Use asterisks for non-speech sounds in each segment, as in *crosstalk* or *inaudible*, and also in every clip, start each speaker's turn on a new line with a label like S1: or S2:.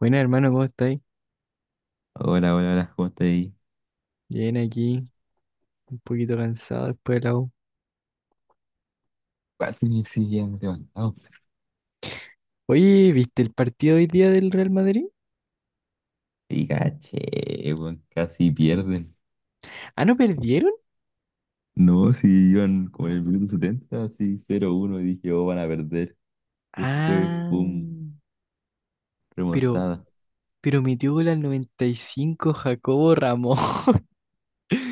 S1: Buenas, hermano, ¿cómo estáis?
S2: Hola, hola, hola, ¿cómo estás ahí?
S1: Bien aquí, un poquito cansado después de la U.
S2: Casi me exigían levantado.
S1: Oye, ¿viste el partido hoy día del Real Madrid?
S2: Y caché, weón, casi pierden.
S1: Ah, ¿no perdieron?
S2: No, si iban como en el minuto 70, así 0-1, y dije, oh, van a perder. Después,
S1: Ah,
S2: pum,
S1: pero,
S2: remontada.
S1: pero metió gol al 95 Jacobo Ramos.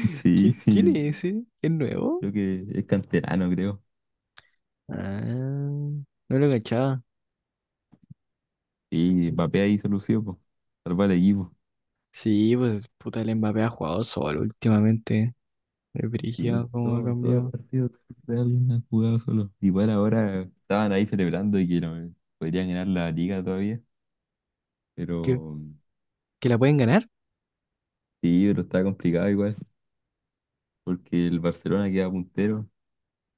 S1: *laughs*
S2: Sí,
S1: ¿Quién
S2: sí,
S1: es ese? ¿Es nuevo?
S2: creo que es canterano, creo.
S1: Ah, no lo cachaba.
S2: Y Mbappé ahí solución, pues, salvar al equipo.
S1: Sí, pues puta, el Mbappé ha jugado solo últimamente. Es brígido
S2: Sí,
S1: cómo ha
S2: todos los
S1: cambiado.
S2: partidos de alguien han jugado solo. Igual ahora estaban ahí celebrando y que no, podrían ganar la liga todavía,
S1: ¿Que,
S2: pero
S1: que la pueden ganar?
S2: sí, pero está complicado igual. Porque el Barcelona queda puntero.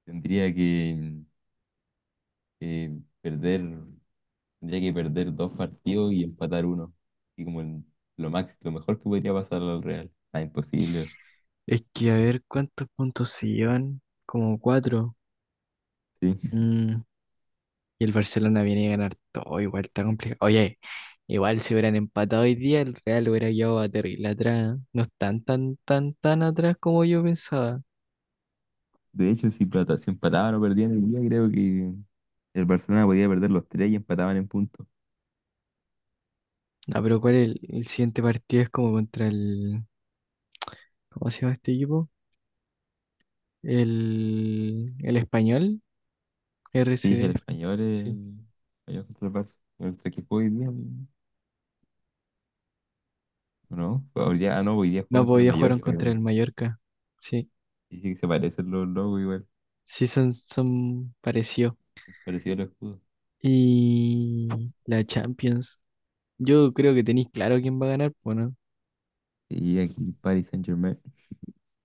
S2: Tendría que perder, tendría que perder dos partidos y empatar uno. Y lo máximo, lo mejor que podría pasar al Real. Ah, imposible.
S1: Es que a ver cuántos puntos se llevan. Como cuatro.
S2: Sí.
S1: Mm, Y el Barcelona viene a ganar todo, igual está complicado. Oye, igual si hubieran empatado hoy día, el Real hubiera llevado a terrible atrás. ¿Eh? No están tan, tan, tan atrás como yo pensaba.
S2: De hecho, si, si empataban o perdían el día, creo que el Barcelona podía perder los tres y empataban en puntos.
S1: No, pero ¿cuál es el siguiente partido? Es como contra el. ¿Cómo se llama este equipo? El Español,
S2: Sí,
S1: RCD. Sí. Sí.
S2: el español contra el Barça. ¿Contra qué jugó hoy día? ¿O no? Fue hoy día, ah, no, hoy día juego
S1: No,
S2: contra el
S1: podía jugaron
S2: Mallorca.
S1: Contra
S2: Creo.
S1: el Mallorca. Sí,
S2: Dice que se parecen los logos igual,
S1: sí son parecidos.
S2: parecido al escudo.
S1: Y la Champions. Yo creo que tenéis claro quién va a ganar, bueno.
S2: Y aquí Paris Saint-Germain.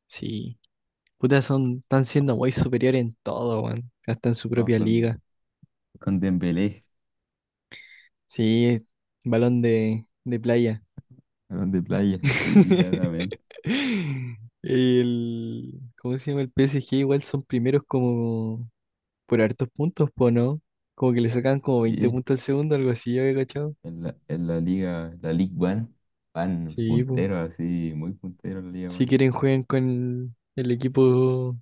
S1: Sí. Puta, están siendo muy superiores en todo, weón. Hasta en su
S2: Ah,
S1: propia liga.
S2: con Dembélé,
S1: Sí, balón de playa.
S2: con de playa. *laughs* Sí, claramente.
S1: *laughs* ¿Cómo se llama? El P. S G. igual son primeros como por hartos puntos, po, ¿no? Como que le sacan como veinte
S2: Sí.
S1: puntos al segundo, algo así, yo he cachado.
S2: En la liga, la League One, van
S1: Sí, po.
S2: punteros así, muy punteros la Liga
S1: Si
S2: One.
S1: quieren juegan con el equipo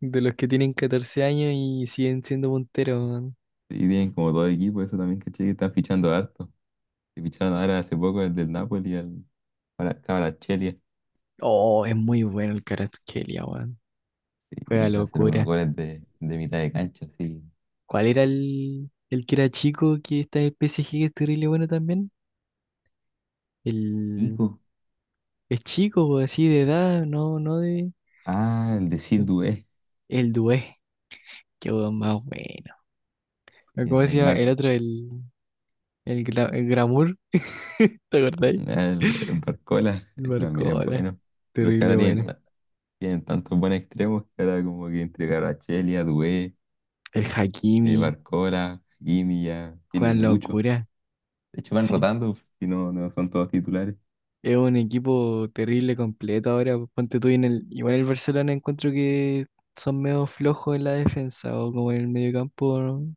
S1: de los que tienen 14 años y siguen siendo punteros, weón.
S2: Sí, tienen como dos equipos, eso también caché que están fichando harto. Y ficharon ahora hace poco el del Napoli, el Kvaratskhelia,
S1: Oh, es muy bueno el Kvaratskhelia, weón. Juega
S2: y va a hacer unos
S1: locura.
S2: goles de mitad de cancha, sí.
S1: ¿Cuál era el que era chico que está en el PSG que es terrible bueno también? El
S2: Pico.
S1: es chico, po, así de edad, no, no de.
S2: Ah, el de Siddué,
S1: El Dué, qué weón más bueno. ¿O
S2: el
S1: ¿Cómo se llama?
S2: Neymar.
S1: El otro, el Gramur, ¿te acordáis?
S2: El Barcola,
S1: El
S2: ese también es
S1: Barcola,
S2: bueno. Pero es que
S1: terrible
S2: ahora tienen,
S1: bueno.
S2: tienen tantos buenos extremos que ahora como que entre Kvaratskhelia, Dubé,
S1: El Hakimi,
S2: Barcola, Hakimi ya
S1: Juan
S2: tienen mucho.
S1: Locura,
S2: De hecho van
S1: sí.
S2: rotando, si no, no son todos titulares.
S1: Es un equipo terrible completo ahora. Pues, ponte tú en el. Igual el Barcelona encuentro que son medio flojos en la defensa o como en el mediocampo, ¿no?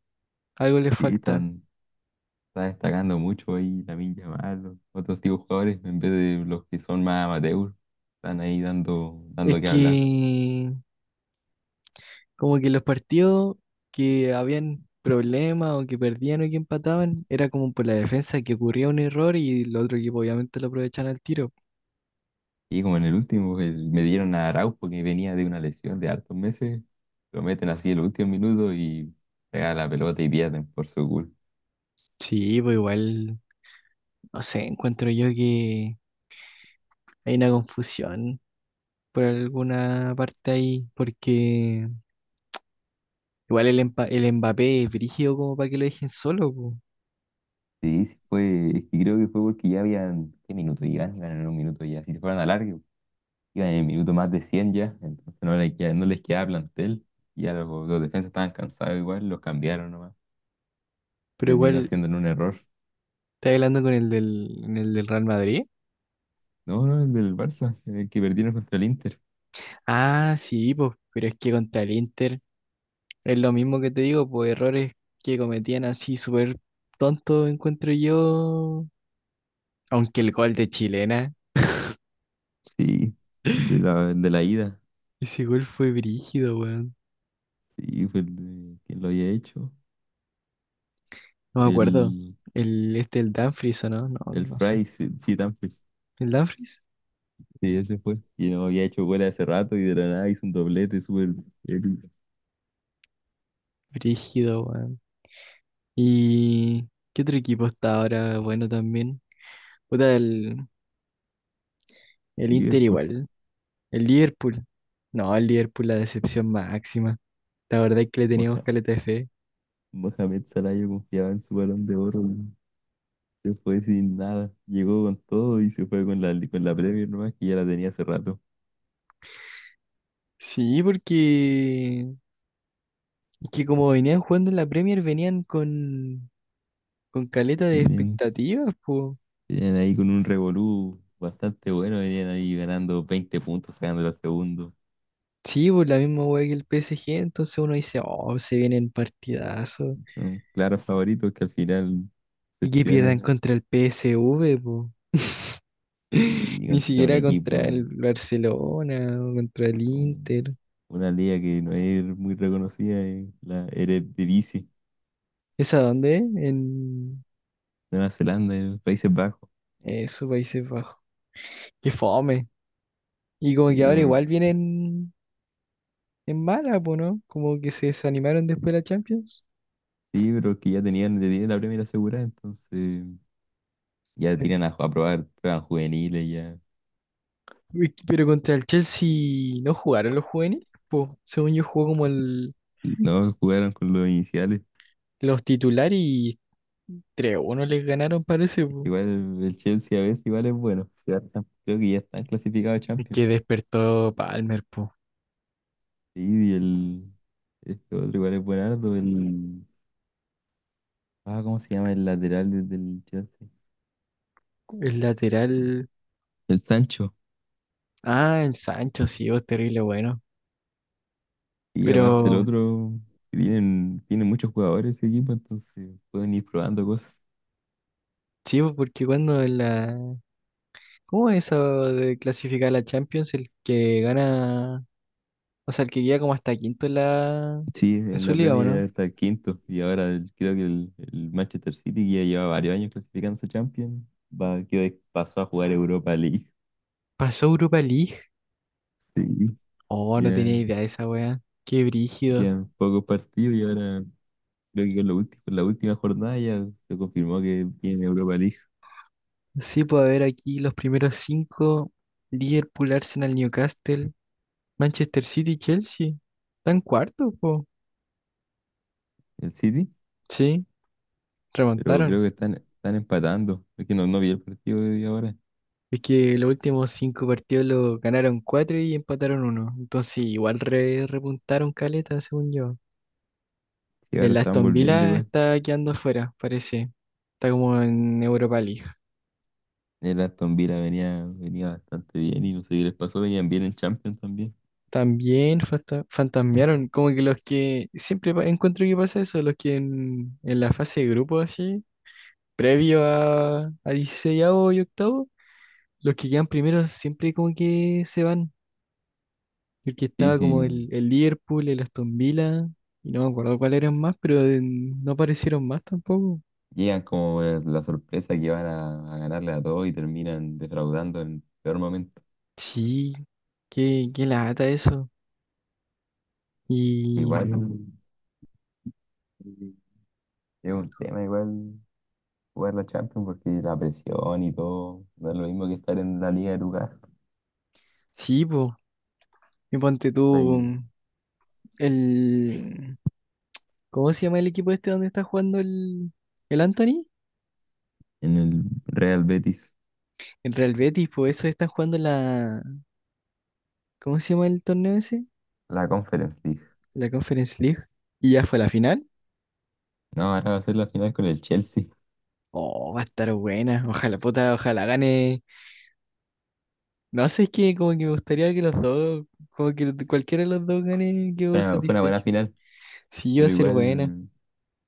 S1: Algo les
S2: Sí,
S1: falta.
S2: están, está destacando mucho ahí Lamine Yamal, otros tipos de jugadores, en vez de los que son más amateurs, están ahí
S1: Es
S2: dando que hablar.
S1: que como que los partidos que habían problemas o que perdían o que empataban, era como por la defensa que ocurría un error y el otro equipo obviamente lo aprovechaban al tiro.
S2: Y como en el último, me dieron a Araujo que venía de una lesión de hartos meses, lo meten así el último minuto y pega la pelota y pierden por su culpa.
S1: Sí, pues igual, no sé, encuentro yo que hay una confusión por alguna parte ahí, porque igual el Mbappé es brígido como para que lo dejen solo, po.
S2: Sí, sí fue, es que creo que fue porque ya habían, ¿qué minuto iban? Iban en un minuto ya, si se fueran a largo, iban en el minuto más de 100 ya, entonces no les quedaba plantel, y ya los defensas estaban cansados igual, los cambiaron nomás, y
S1: Pero igual,
S2: terminó siendo en un error.
S1: ¿estás hablando con en el del Real Madrid?
S2: No, no, el del Barça, el que perdieron contra el Inter.
S1: Ah, sí, pues, pero es que contra el Inter. Es lo mismo que te digo, pues errores que cometían así súper tontos encuentro yo. Aunque el gol de chilena,
S2: Sí, el de la ida,
S1: ese gol fue brígido, weón.
S2: sí, fue el de, ¿quién lo había hecho?
S1: No me acuerdo.
S2: El,
S1: El Dumfries, ¿o no? No, no
S2: el
S1: no sé.
S2: Fry, sí, sí, Dumfries.
S1: ¿El Dumfries?
S2: Sí, ese fue. Y no había hecho gol hace rato y de la nada hizo un doblete súper el
S1: Brígido, weón. ¿Y qué otro equipo está ahora bueno también? Puta, el Inter
S2: Liverpool.
S1: igual. El Liverpool. No, el Liverpool la decepción máxima. La verdad es que le teníamos caleta de fe.
S2: Mohamed Salah yo confiaba en su balón de oro, weón. Se fue sin nada. Llegó con todo y se fue con la Premier nomás que ya la tenía hace rato.
S1: Sí, porque que como venían jugando en la Premier, venían con caleta de
S2: Venían,
S1: expectativas, pues.
S2: venían ahí con un revolú bastante bueno. Venían ahí ganando 20 puntos, sacando la segundo.
S1: Sí, pues la misma wea que el PSG, entonces uno dice, oh, se vienen partidazos.
S2: Son claros favoritos que al final
S1: Y que pierdan
S2: decepcionan.
S1: contra el PSV, pues. *laughs*
S2: Sí,
S1: Ni
S2: contra un
S1: siquiera contra
S2: equipo,
S1: el Barcelona o contra el
S2: un-
S1: Inter.
S2: una liga que no es muy reconocida, la Eredivisie,
S1: ¿Es a dónde? En
S2: Nueva Zelanda, Países Bajos.
S1: esos Países Bajos. Qué fome. Y como
S2: Sí,
S1: que ahora igual vienen en mala, pues, ¿no? Como que se desanimaron después de la Champions.
S2: sí, pero es que ya tenían la primera asegurada, entonces ya tiran a probar pruebas juveniles, ya.
S1: Uy, pero contra el Chelsea no jugaron los juveniles, po. Según yo jugó como el,
S2: No jugaron con los iniciales.
S1: los titulares y 3 uno les ganaron, parece,
S2: Es
S1: po.
S2: que igual el Chelsea a veces igual es bueno. Creo que ya están clasificados a
S1: Es
S2: Champions.
S1: que despertó Palmer, po.
S2: Sí, y el este otro igual es buenardo, el ah, ¿cómo se llama el lateral del Chelsea?
S1: El lateral.
S2: El Sancho.
S1: Ah, el Sancho, sí, oh, terrible bueno.
S2: Y aparte el
S1: Pero
S2: otro, tienen muchos jugadores ese equipo, entonces pueden ir probando cosas.
S1: sí, po, porque cuando en la. ¿Cómo es eso de clasificar a la Champions? El que gana. O sea, el que llega como hasta quinto en la.
S2: Sí,
S1: En
S2: en
S1: su
S2: la
S1: liga, ¿o
S2: Premier ya
S1: no?
S2: está el quinto y ahora creo que el Manchester City que ya lleva varios años clasificándose a Champions, va, que pasó a jugar Europa League. *laughs*
S1: Pasó Europa League.
S2: Sí,
S1: Oh, no tenía
S2: ya
S1: idea de esa wea. Qué brígido.
S2: quedan pocos partidos y ahora creo que lo último, con la última jornada ya se confirmó que tiene Europa League
S1: Sí, puedo ver aquí los primeros cinco: Liverpool, Arsenal, Newcastle, Manchester City, Chelsea. Están cuarto, po.
S2: el City,
S1: Sí,
S2: pero creo
S1: remontaron.
S2: que están, están empatando. Es que no, no vi el partido de ahora.
S1: Es que los últimos cinco partidos lo ganaron cuatro y empataron uno. Entonces igual repuntaron caleta, según yo.
S2: Sí, ahora
S1: El
S2: están
S1: Aston
S2: volviendo
S1: Villa
S2: igual.
S1: está quedando afuera, parece. Está como en Europa League.
S2: El Aston Villa venía, venía bastante bien y no sé qué les pasó, venían bien en Champions también.
S1: También fantasmearon, como que los que siempre encuentro que pasa eso, los que en la fase de grupo así. Previo a 16 y octavo, los que quedan primeros siempre como que se van. Porque
S2: Sí,
S1: estaba
S2: sí.
S1: como el Liverpool, el Aston Villa, y no me acuerdo cuáles eran más, pero no aparecieron más tampoco.
S2: Llegan como la sorpresa que van a ganarle a todos y terminan defraudando en el peor momento.
S1: Sí, qué lata eso.
S2: Igual
S1: Y
S2: eh, es un tema, igual jugar la Champions porque la presión y todo no es lo mismo que estar en la liga de tu casa,
S1: sí, po, y ponte tú
S2: ahí
S1: mm, el. ¿Cómo se llama el equipo este donde está jugando el Anthony?
S2: en el Real Betis,
S1: El Real Betis, pues eso están jugando la. ¿Cómo se llama el torneo ese?
S2: la Conference League.
S1: La Conference League. Y ya fue la final.
S2: No, ahora va a ser la final con el Chelsea.
S1: Oh, va a estar buena. Ojalá, puta, ojalá gane. No sé, es que como que me gustaría que los dos, como que cualquiera de los dos gane, quedo
S2: Fue una buena
S1: satisfecho.
S2: final,
S1: Sí, va a
S2: pero
S1: ser buena.
S2: igual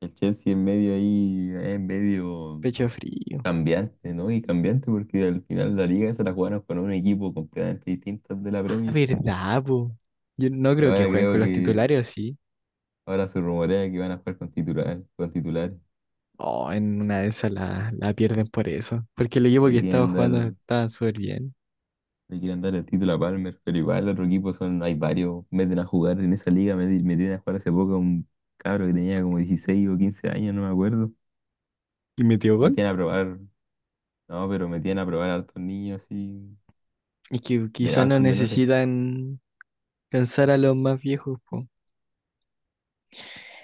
S2: el Chelsea en medio ahí, en medio.
S1: Pecho frío.
S2: Cambiante, ¿no? Y cambiante porque al final la liga se la jugaron con un equipo completamente distinto al de la
S1: Ah,
S2: Premier.
S1: verdad, po. Yo no
S2: Y
S1: creo que
S2: ahora
S1: jueguen con
S2: creo
S1: los
S2: que
S1: titulares, ¿o sí?
S2: ahora se rumorea que van a jugar con titulares.
S1: Oh, en una de esas la pierden por eso. Porque el equipo
S2: Le
S1: que estaba
S2: quieren dar,
S1: jugando estaba súper bien.
S2: le quieren dar el título a Palmer, pero igual el otro equipo son, hay varios, meten a jugar en esa liga, metieron a jugar hace poco a un cabro que tenía como 16 o 15 años, no me acuerdo.
S1: ¿Y metió gol?
S2: Metían a probar, no, pero metían a probar a hartos niños así,
S1: Y que quizás no
S2: hartos menores.
S1: necesitan cansar a los más viejos, po.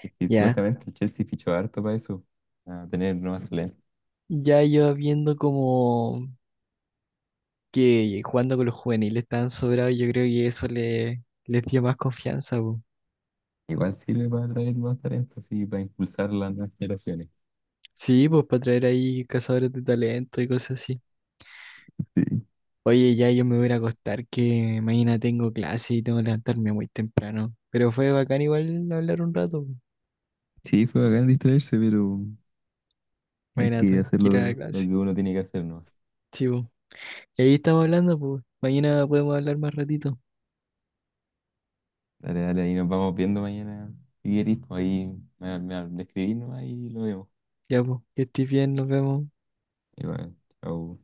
S2: Es que
S1: Ya.
S2: supuestamente el Chelsea fichó harto para eso, a tener nuevas talentos.
S1: Ya yo viendo como. Que jugando con los juveniles tan sobrados, yo creo que eso les dio más confianza, po.
S2: Igual sirve para atraer más talentos y para impulsar las nuevas generaciones.
S1: Sí, pues para traer ahí cazadores de talento y cosas así.
S2: Sí,
S1: Oye, ya yo me voy a ir a acostar que mañana tengo clase y tengo que levantarme muy temprano. Pero fue bacán igual hablar un rato, po.
S2: sí, fue bacán distraerse, pero hay
S1: Mañana
S2: que
S1: tengo que
S2: hacerlo.
S1: ir a la
S2: Lo
S1: clase.
S2: que uno tiene que hacer, ¿no?
S1: Sí, po. Y ahí estamos hablando, pues. Mañana podemos hablar más ratito.
S2: Dale, dale, ahí nos vamos viendo mañana. Si querís, pues ahí me escribís nomás y lo vemos.
S1: Ya, pues, que estés bien, nos vemos.
S2: Igual, chao.